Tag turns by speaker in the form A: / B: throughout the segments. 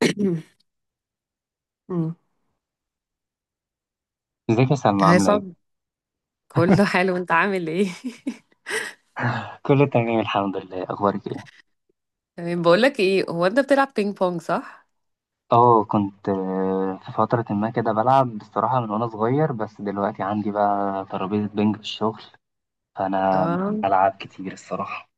A: مم.
B: ازيك يا سلمى، عاملة
A: هيصب،
B: ايه؟
A: كله حلو. انت عامل ايه؟
B: كله تمام الحمد لله، اخبارك ايه؟
A: تمام. بقول لك ايه، هو انت بتلعب بينج بونج، صح؟
B: اه، كنت في فترة ما كده بلعب بصراحة من وانا صغير، بس دلوقتي عندي بقى ترابيزة بنج في الشغل. فانا
A: اه.
B: بلعب كتير الصراحة.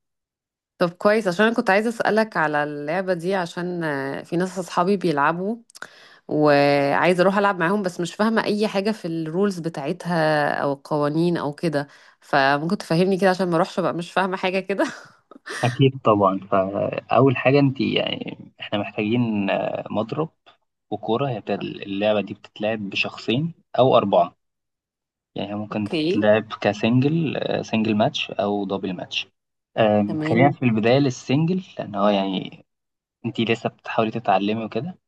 A: طب كويس، عشان انا كنت عايزه اسالك على اللعبه دي. عشان في ناس اصحابي بيلعبوا، وعايزه اروح العب معاهم، بس مش فاهمه اي حاجه في الرولز بتاعتها او القوانين او كده. فممكن تفهمني كده عشان ما اروحش بقى مش فاهمه حاجه كده.
B: اكيد طبعا، فاول حاجة انت يعني احنا محتاجين مضرب وكورة. اللعبة دي بتتلعب بشخصين او اربعة، يعني هي ممكن
A: اوكي،
B: تتلعب كسنجل، سنجل ماتش او دبل ماتش. خلينا
A: تمام.
B: في البداية للسنجل، لأن هو يعني انتي لسه بتحاولي تتعلمي وكده.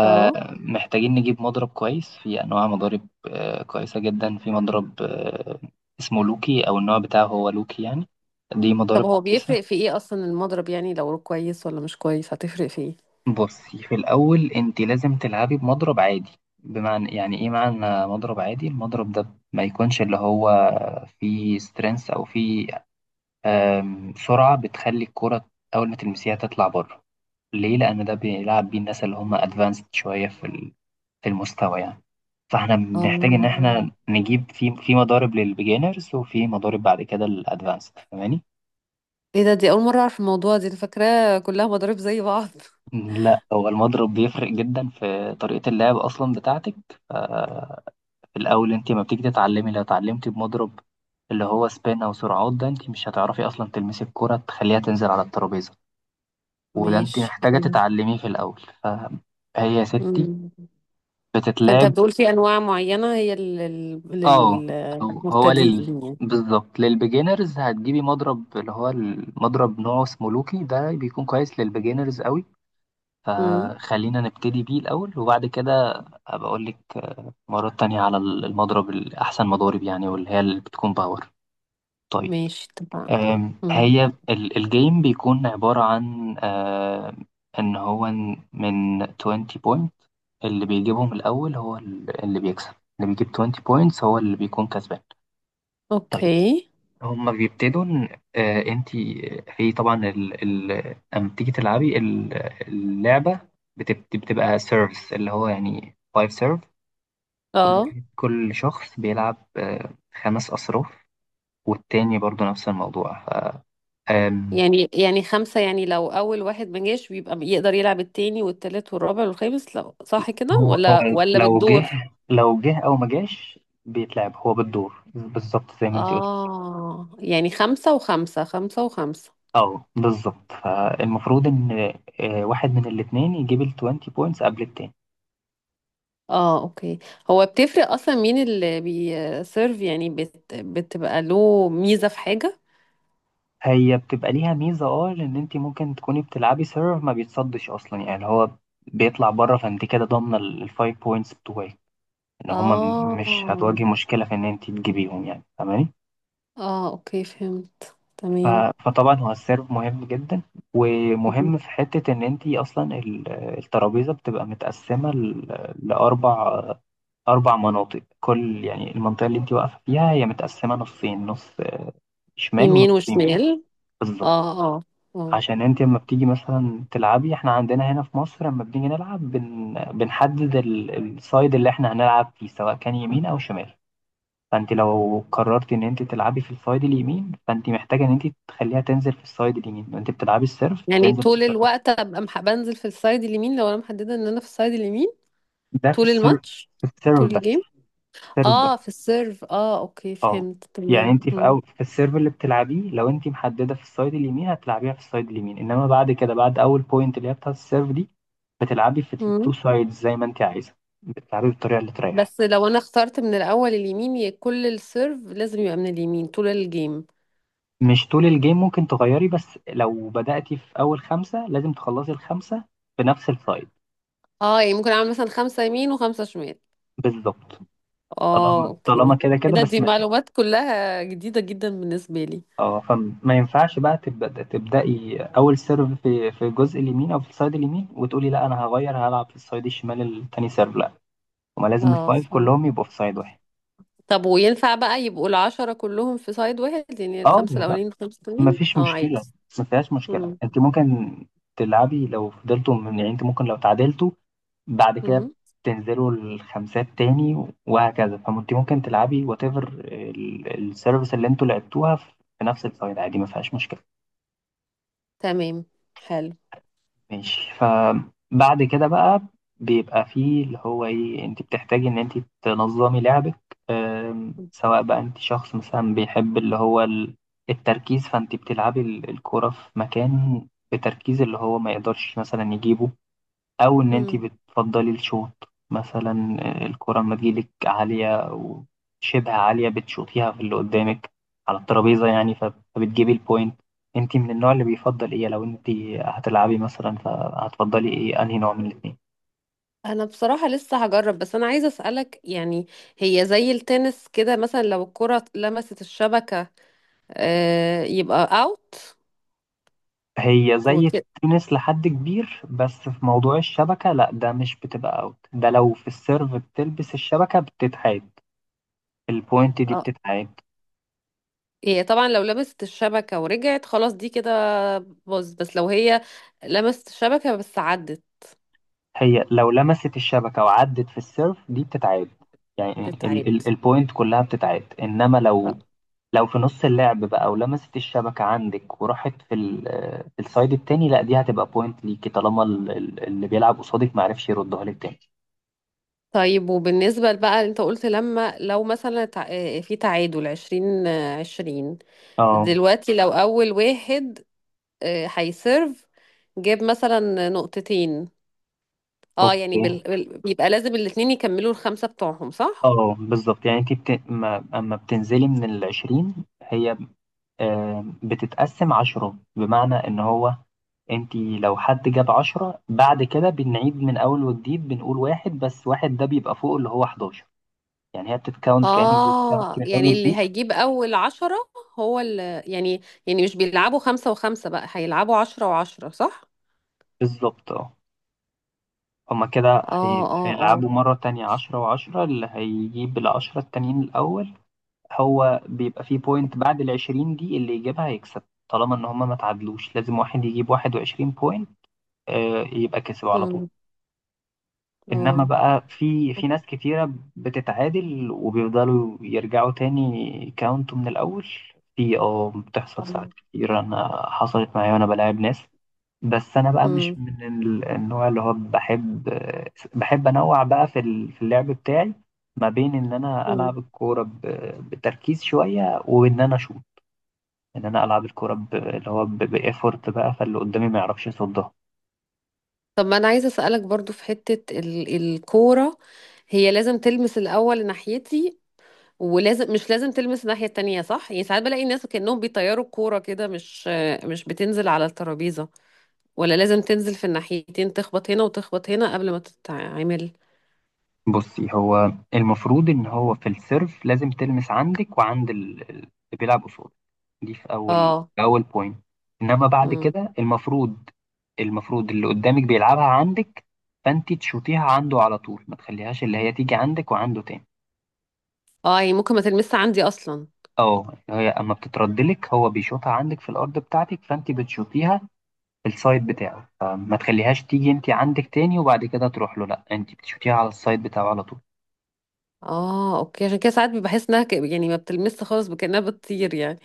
A: اه،
B: محتاجين نجيب مضرب كويس. في انواع مضارب كويسه جدا، في مضرب اسمه لوكي، او النوع بتاعه هو لوكي يعني. دي مضارب
A: طب هو
B: كويسه.
A: بيفرق في ايه اصلا المضرب؟ يعني لو كويس ولا مش كويس هتفرق في ايه؟
B: بصي، في الاول انتي لازم تلعبي بمضرب عادي. بمعنى، يعني ايه معنى مضرب عادي؟ المضرب ده ما يكونش اللي هو فيه سترينث، او فيه سرعه بتخلي الكره اول ما تلمسيها تطلع بره. ليه؟ لان ده بيلعب بيه الناس اللي هم ادفانسد شويه في في المستوى يعني. فاحنا بنحتاج ان
A: اه.
B: احنا نجيب في مضارب للبيجينرز، وفي مضارب بعد كده للادفانسد، فاهماني؟
A: ايه ده، دي اول مرة اعرف الموضوع دي، انا فاكراه كلها مضارب زي بعض.
B: لا، هو المضرب بيفرق جدا في طريقة اللعب اصلا بتاعتك. ف- في الاول انت ما بتيجي تتعلمي، لو اتعلمتي بمضرب اللي هو سبين او سرعات، ده انت مش هتعرفي اصلا تلمسي الكرة تخليها تنزل على الترابيزة. وده انت
A: ماشي،
B: محتاجة
A: حلو.
B: تتعلميه في الاول. فهي يا ستي
A: مم. فانت
B: بتتلعب.
A: بتقول في انواع معينة هي
B: اه. أو هو لل
A: للمبتدئين يعني؟
B: بالظبط للبيجينرز هتجيبي مضرب اللي هو المضرب نوعه اسمه لوكي، ده بيكون كويس للبيجينرز قوي.
A: امم.
B: فخلينا نبتدي بيه الأول، وبعد كده هبقى أقول لك مرات تانية على المضرب الأحسن مضارب يعني، واللي هي اللي بتكون باور. طيب،
A: ماشي، اتفقنا. امم.
B: هي الجيم بيكون عبارة عن إن هو من 20 بوينت، اللي بيجيبهم الأول هو اللي بيكسب. اللي بيجيب 20 بوينتس هو اللي بيكون كسبان. طيب،
A: اوكي.
B: هما بيبتدوا انت في طبعا لما بتيجي تلعبي اللعبه بتبقى سيرفز اللي هو يعني فايف سيرف.
A: اه،
B: كل شخص بيلعب خمس اصراف، والتاني برضو نفس الموضوع. ف... آم،
A: يعني خمسة، يعني لو اول واحد ما جاش بيبقى يقدر يلعب التاني والتالت والرابع والخامس لو صح كده،
B: هو
A: ولا
B: لو جه
A: بالدور؟
B: لو جه او ما جاش، بيتلعب هو بالدور بالظبط زي ما انت قلت.
A: اه، يعني خمسة وخمسة، خمسة وخمسة.
B: اه بالظبط، فالمفروض ان واحد من الاتنين يجيب ال 20 بوينتس قبل التاني.
A: اه، اوكي. هو بتفرق اصلا مين اللي بيسيرف؟ يعني بتبقى له ميزة في حاجة؟
B: هي بتبقى ليها ميزة اه، لأن انت ممكن تكوني بتلعبي سيرف ما بيتصدش أصلا، يعني هو بيطلع بره، فانت كده ضامنة الفايف بوينتس بتوعك، إن هما مش
A: اه،
B: هتواجهي مشكلة في إن انت تجيبيهم، يعني فاهماني.
A: اه، اوكي، فهمت
B: ف-
A: تمام.
B: فطبعا هو السيرف مهم جدا،
A: مم.
B: ومهم في حتة إن انت أصلا الترابيزة بتبقى متقسمة لأربع مناطق. كل يعني المنطقة اللي انت واقفة فيها هي متقسمة نصين، نص شمال
A: يمين
B: ونص يمين.
A: وشمال.
B: بالظبط.
A: اه، اه، اه.
B: عشان انت لما بتيجي مثلا تلعبي، احنا عندنا هنا في مصر لما بنيجي نلعب بنحدد السايد اللي احنا هنلعب فيه، سواء كان يمين او شمال. فانت لو قررت ان انت تلعبي في السايد اليمين، فانت محتاجه ان انت تخليها تنزل في السايد اليمين. انت بتلعبي السيرف
A: يعني
B: تنزل في
A: طول
B: السايد.
A: الوقت ابقى بنزل في السايد اليمين لو انا محددة ان انا في السايد اليمين؟
B: ده في
A: طول
B: السيرف.
A: الماتش؟
B: في
A: طول
B: السيرف بس.
A: الجيم؟
B: السيرف
A: اه، في
B: بس.
A: السيرف. اه، اوكي،
B: اه،
A: فهمت
B: يعني
A: تمام.
B: انت في
A: مم.
B: أول، في السيرف اللي بتلعبيه لو انت محدده في السايد اليمين هتلعبيها في السايد اليمين، انما بعد كده بعد اول بوينت اللي هي بتاعت السيرف دي، بتلعبي في التو
A: مم.
B: سايدز زي ما انت عايزه. بتلعبي بالطريقه اللي تريحك.
A: بس لو انا اخترت من الاول اليمين، كل السيرف لازم يبقى من اليمين طول الجيم؟
B: مش طول الجيم، ممكن تغيري، بس لو بدأتي في اول خمسه لازم تخلصي الخمسه في نفس السايد.
A: اه، يعني ممكن اعمل مثلا خمسة يمين وخمسة شمال.
B: بالظبط.
A: اه،
B: طالما
A: اوكي.
B: كده
A: ايه
B: كده
A: ده،
B: بس
A: دي
B: ما.
A: معلومات كلها جديدة جدا بالنسبة لي.
B: اه، فما ينفعش بقى تبدأي اول سيرف في الجزء اليمين او في السايد اليمين وتقولي لا انا هغير هلعب في السايد الشمال التاني سيرف، لا. هما لازم
A: اه،
B: الفايف
A: فهمت.
B: كلهم يبقوا في سايد واحد.
A: طب وينفع بقى يبقوا الـ10 كلهم في سايد واحد؟ يعني
B: اه،
A: الخمسة
B: لا،
A: الأولانيين الخمسة التانيين
B: مفيش
A: اه، عادي.
B: مشكلة. ما فيهاش مشكلة.
A: مم.
B: انت ممكن تلعبي لو فضلتوا من، يعني انت ممكن لو تعادلتوا بعد كده
A: مم.
B: تنزلوا الخمسات تاني وهكذا. فانت ممكن تلعبي وات ايفر السيرفيس اللي انتوا لعبتوها في نفس السايد عادي، ما فيهاش مشكلة.
A: تمام، حلو.
B: ماشي. فبعد كده بقى بيبقى فيه اللي هو ايه، انت بتحتاجي ان انت تنظمي لعبك. سواء بقى انت شخص مثلا بيحب اللي هو التركيز، فانت بتلعبي الكرة في مكان بتركيز اللي هو ما يقدرش مثلا يجيبه، او ان انت
A: مم.
B: بتفضلي الشوط، مثلا الكرة لما تجيلك عالية او شبه عالية بتشوطيها في اللي قدامك على الترابيزة يعني، فبتجيبي البوينت. انت من النوع اللي بيفضل ايه، لو انت هتلعبي مثلا فهتفضلي ايه، انهي نوع من الاتنين؟
A: انا بصراحة لسه هجرب، بس انا عايزة اسألك. يعني هي زي التنس كده مثلا، لو الكرة لمست الشبكة آه يبقى اوت
B: هي زي
A: وكده؟
B: التنس لحد كبير، بس في موضوع الشبكة لا، ده مش بتبقى اوت، ده لو في السيرف بتلبس الشبكة بتتعاد. البوينت دي بتتعاد.
A: هي طبعا لو لمست الشبكة ورجعت خلاص دي كده باظ، بس لو هي لمست الشبكة بس عدت
B: هي لو لمست الشبكة وعدت في السيرف دي بتتعاد، يعني ال
A: تتعاد.
B: ال البوينت كلها بتتعاد. انما لو،
A: آه.
B: لو في نص اللعب بقى ولمست الشبكة عندك وراحت في في السايد التاني، لا، دي هتبقى بوينت ليكي طالما اللي بيلعب قصادك معرفش يردها لك تاني.
A: طيب، وبالنسبة بقى انت قلت، لما لو مثلا في تعادل 20 20.
B: اه
A: دلوقتي لو أول واحد هيسيرف جاب مثلا نقطتين. اه
B: اوكي.
A: يعني بيبقى لازم الاتنين يكملوا الخمسة بتوعهم، صح؟
B: اه بالظبط، يعني انت بت... ما... اما بتنزلي من العشرين، هي بتتقسم عشرة، بمعنى ان هو انتي لو حد جاب عشرة بعد كده بنعيد من اول وجديد، بنقول واحد، بس واحد ده بيبقى فوق اللي هو 11. يعني هي بتتكاونت كأنك بتتكاونت
A: اه،
B: من اول
A: يعني اللي
B: وجديد.
A: هيجيب اول 10 هو اللي يعني مش بيلعبوا خمسة وخمسة، بقى هيلعبوا 10 و10، صح؟
B: بالظبط. اه، هما كده
A: اه، اه، اه.
B: هيلعبوا مرة تانية عشرة وعشرة، اللي هيجيب العشرة التانيين الأول. هو بيبقى فيه بوينت بعد العشرين دي، اللي يجيبها هيكسب، طالما إن هما ما تعادلوش. لازم واحد يجيب 21 بوينت يبقى كسب على طول.
A: امم.
B: انما
A: اه.
B: بقى في ناس كتيرة بتتعادل وبيفضلوا يرجعوا تاني كاونت من الاول. في بتحصل ساعات كتير، انا حصلت معايا وانا بلاعب ناس. بس انا بقى مش
A: امم.
B: من النوع اللي هو بحب، انوع بقى في في اللعب بتاعي، ما بين ان انا
A: امم.
B: العب الكورة بتركيز شوية، وان انا اشوط، ان انا العب الكورة اللي هو بايفورت بقى فاللي قدامي ما يعرفش يصدها.
A: طب ما انا عايزه اسالك برضو في حته الكوره. هي لازم تلمس الاول ناحيتي، ولازم، مش لازم تلمس الناحيه التانية، صح؟ يعني ساعات بلاقي الناس كانهم بيطيروا الكوره كده، مش بتنزل على الترابيزه؟ ولا لازم تنزل في الناحيتين، تخبط هنا وتخبط هنا قبل ما تتعمل؟
B: بصي، هو المفروض ان هو في السيرف لازم تلمس عندك وعند اللي بيلعب قصاد، دي في اول
A: اه.
B: في اول بوينت. انما بعد
A: امم.
B: كده المفروض، اللي قدامك بيلعبها عندك، فانت تشوطيها عنده على طول، ما تخليهاش اللي هي تيجي عندك وعنده تاني.
A: اه، يعني ممكن ما تلمسش عندي اصلا؟
B: اه، اللي هي اما بتتردلك هو بيشوطها عندك في الارض بتاعتك، فانت بتشوطيها في السايد بتاعه، فما تخليهاش تيجي انت عندك تاني وبعد كده تروح له، لا، انت بتشوطيها على السايد بتاعه على طول.
A: اه، اوكي، عشان كده ساعات بحس انها يعني ما بتلمس خالص، بكأنها بتطير يعني.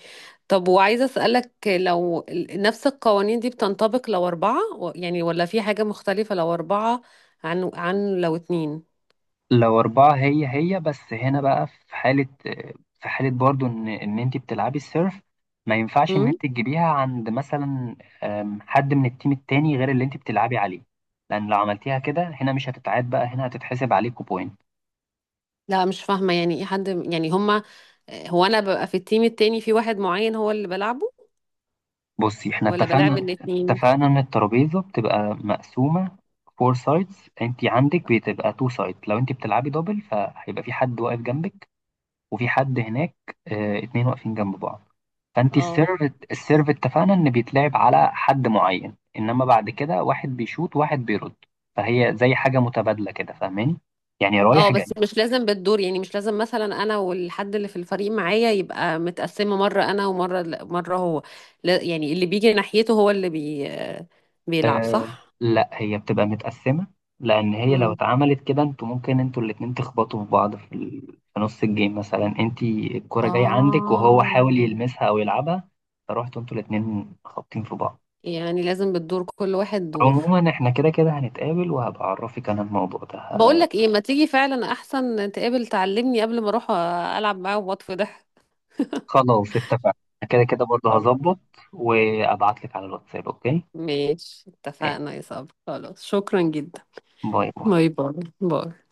A: طب وعايزه اسالك، لو نفس القوانين دي بتنطبق لو اربعه يعني، ولا في حاجه مختلفه لو اربعه عن لو اتنين؟
B: لو أربعة، هي بس هنا بقى في حالة برضو إن أنت بتلعبي السيرف، ما ينفعش إن أنت
A: امم.
B: تجيبيها عند مثلا حد من التيم التاني غير اللي أنت بتلعبي عليه، لأن لو عملتيها كده هنا مش هتتعاد بقى، هنا هتتحسب عليكوا بوينت.
A: لا مش فاهمه يعني ايه حد، يعني هما، هو انا ببقى في التيم التاني في واحد معين هو اللي بلعبه،
B: بصي، إحنا
A: ولا بلعب
B: اتفقنا.
A: الاتنين؟
B: اتفقنا إن الترابيزة بتبقى مقسومة فور سايدز، أنت عندك بتبقى تو سايد. لو أنت بتلعبي دبل فهيبقى في حد واقف جنبك وفي حد هناك، اه، اتنين واقفين جنب بعض. فانت
A: اه،
B: السيرف اتفقنا ان بيتلعب على حد معين، انما بعد كده واحد بيشوط واحد بيرد. فهي زي حاجه متبادله كده، فاهماني؟ يعني
A: اه.
B: رايح جاي.
A: بس مش لازم بالدور يعني؟ مش لازم مثلا انا والحد اللي في الفريق معايا يبقى متقسمه مره انا ومره هو؟ لا، يعني اللي بيجي ناحيته هو اللي بيلعب،
B: أه
A: صح؟
B: لا، هي بتبقى متقسمه. لان هي لو
A: مم.
B: اتعملت كده انتوا ممكن انتوا الاتنين تخبطوا في بعض في نص الجيم مثلا انت الكره جايه عندك وهو حاول
A: اه،
B: يلمسها او يلعبها، فروحتوا انتوا الاتنين خابطين في بعض.
A: يعني لازم بالدور، كل واحد دور.
B: عموما احنا كده كده هنتقابل وهبعرفك انا الموضوع ده.
A: بقول لك ايه، ما تيجي فعلا احسن، تقابل تعلمني قبل ما اروح العب معاه واطفي ضحك.
B: خلاص اتفقنا. كده كده برضه
A: خلاص.
B: هظبط، وابعت لك على الواتساب، اوكي.
A: ماشي
B: إيه،
A: اتفقنا يا صبري. خلاص، شكرا جدا.
B: باي باي.
A: باي باي. باي.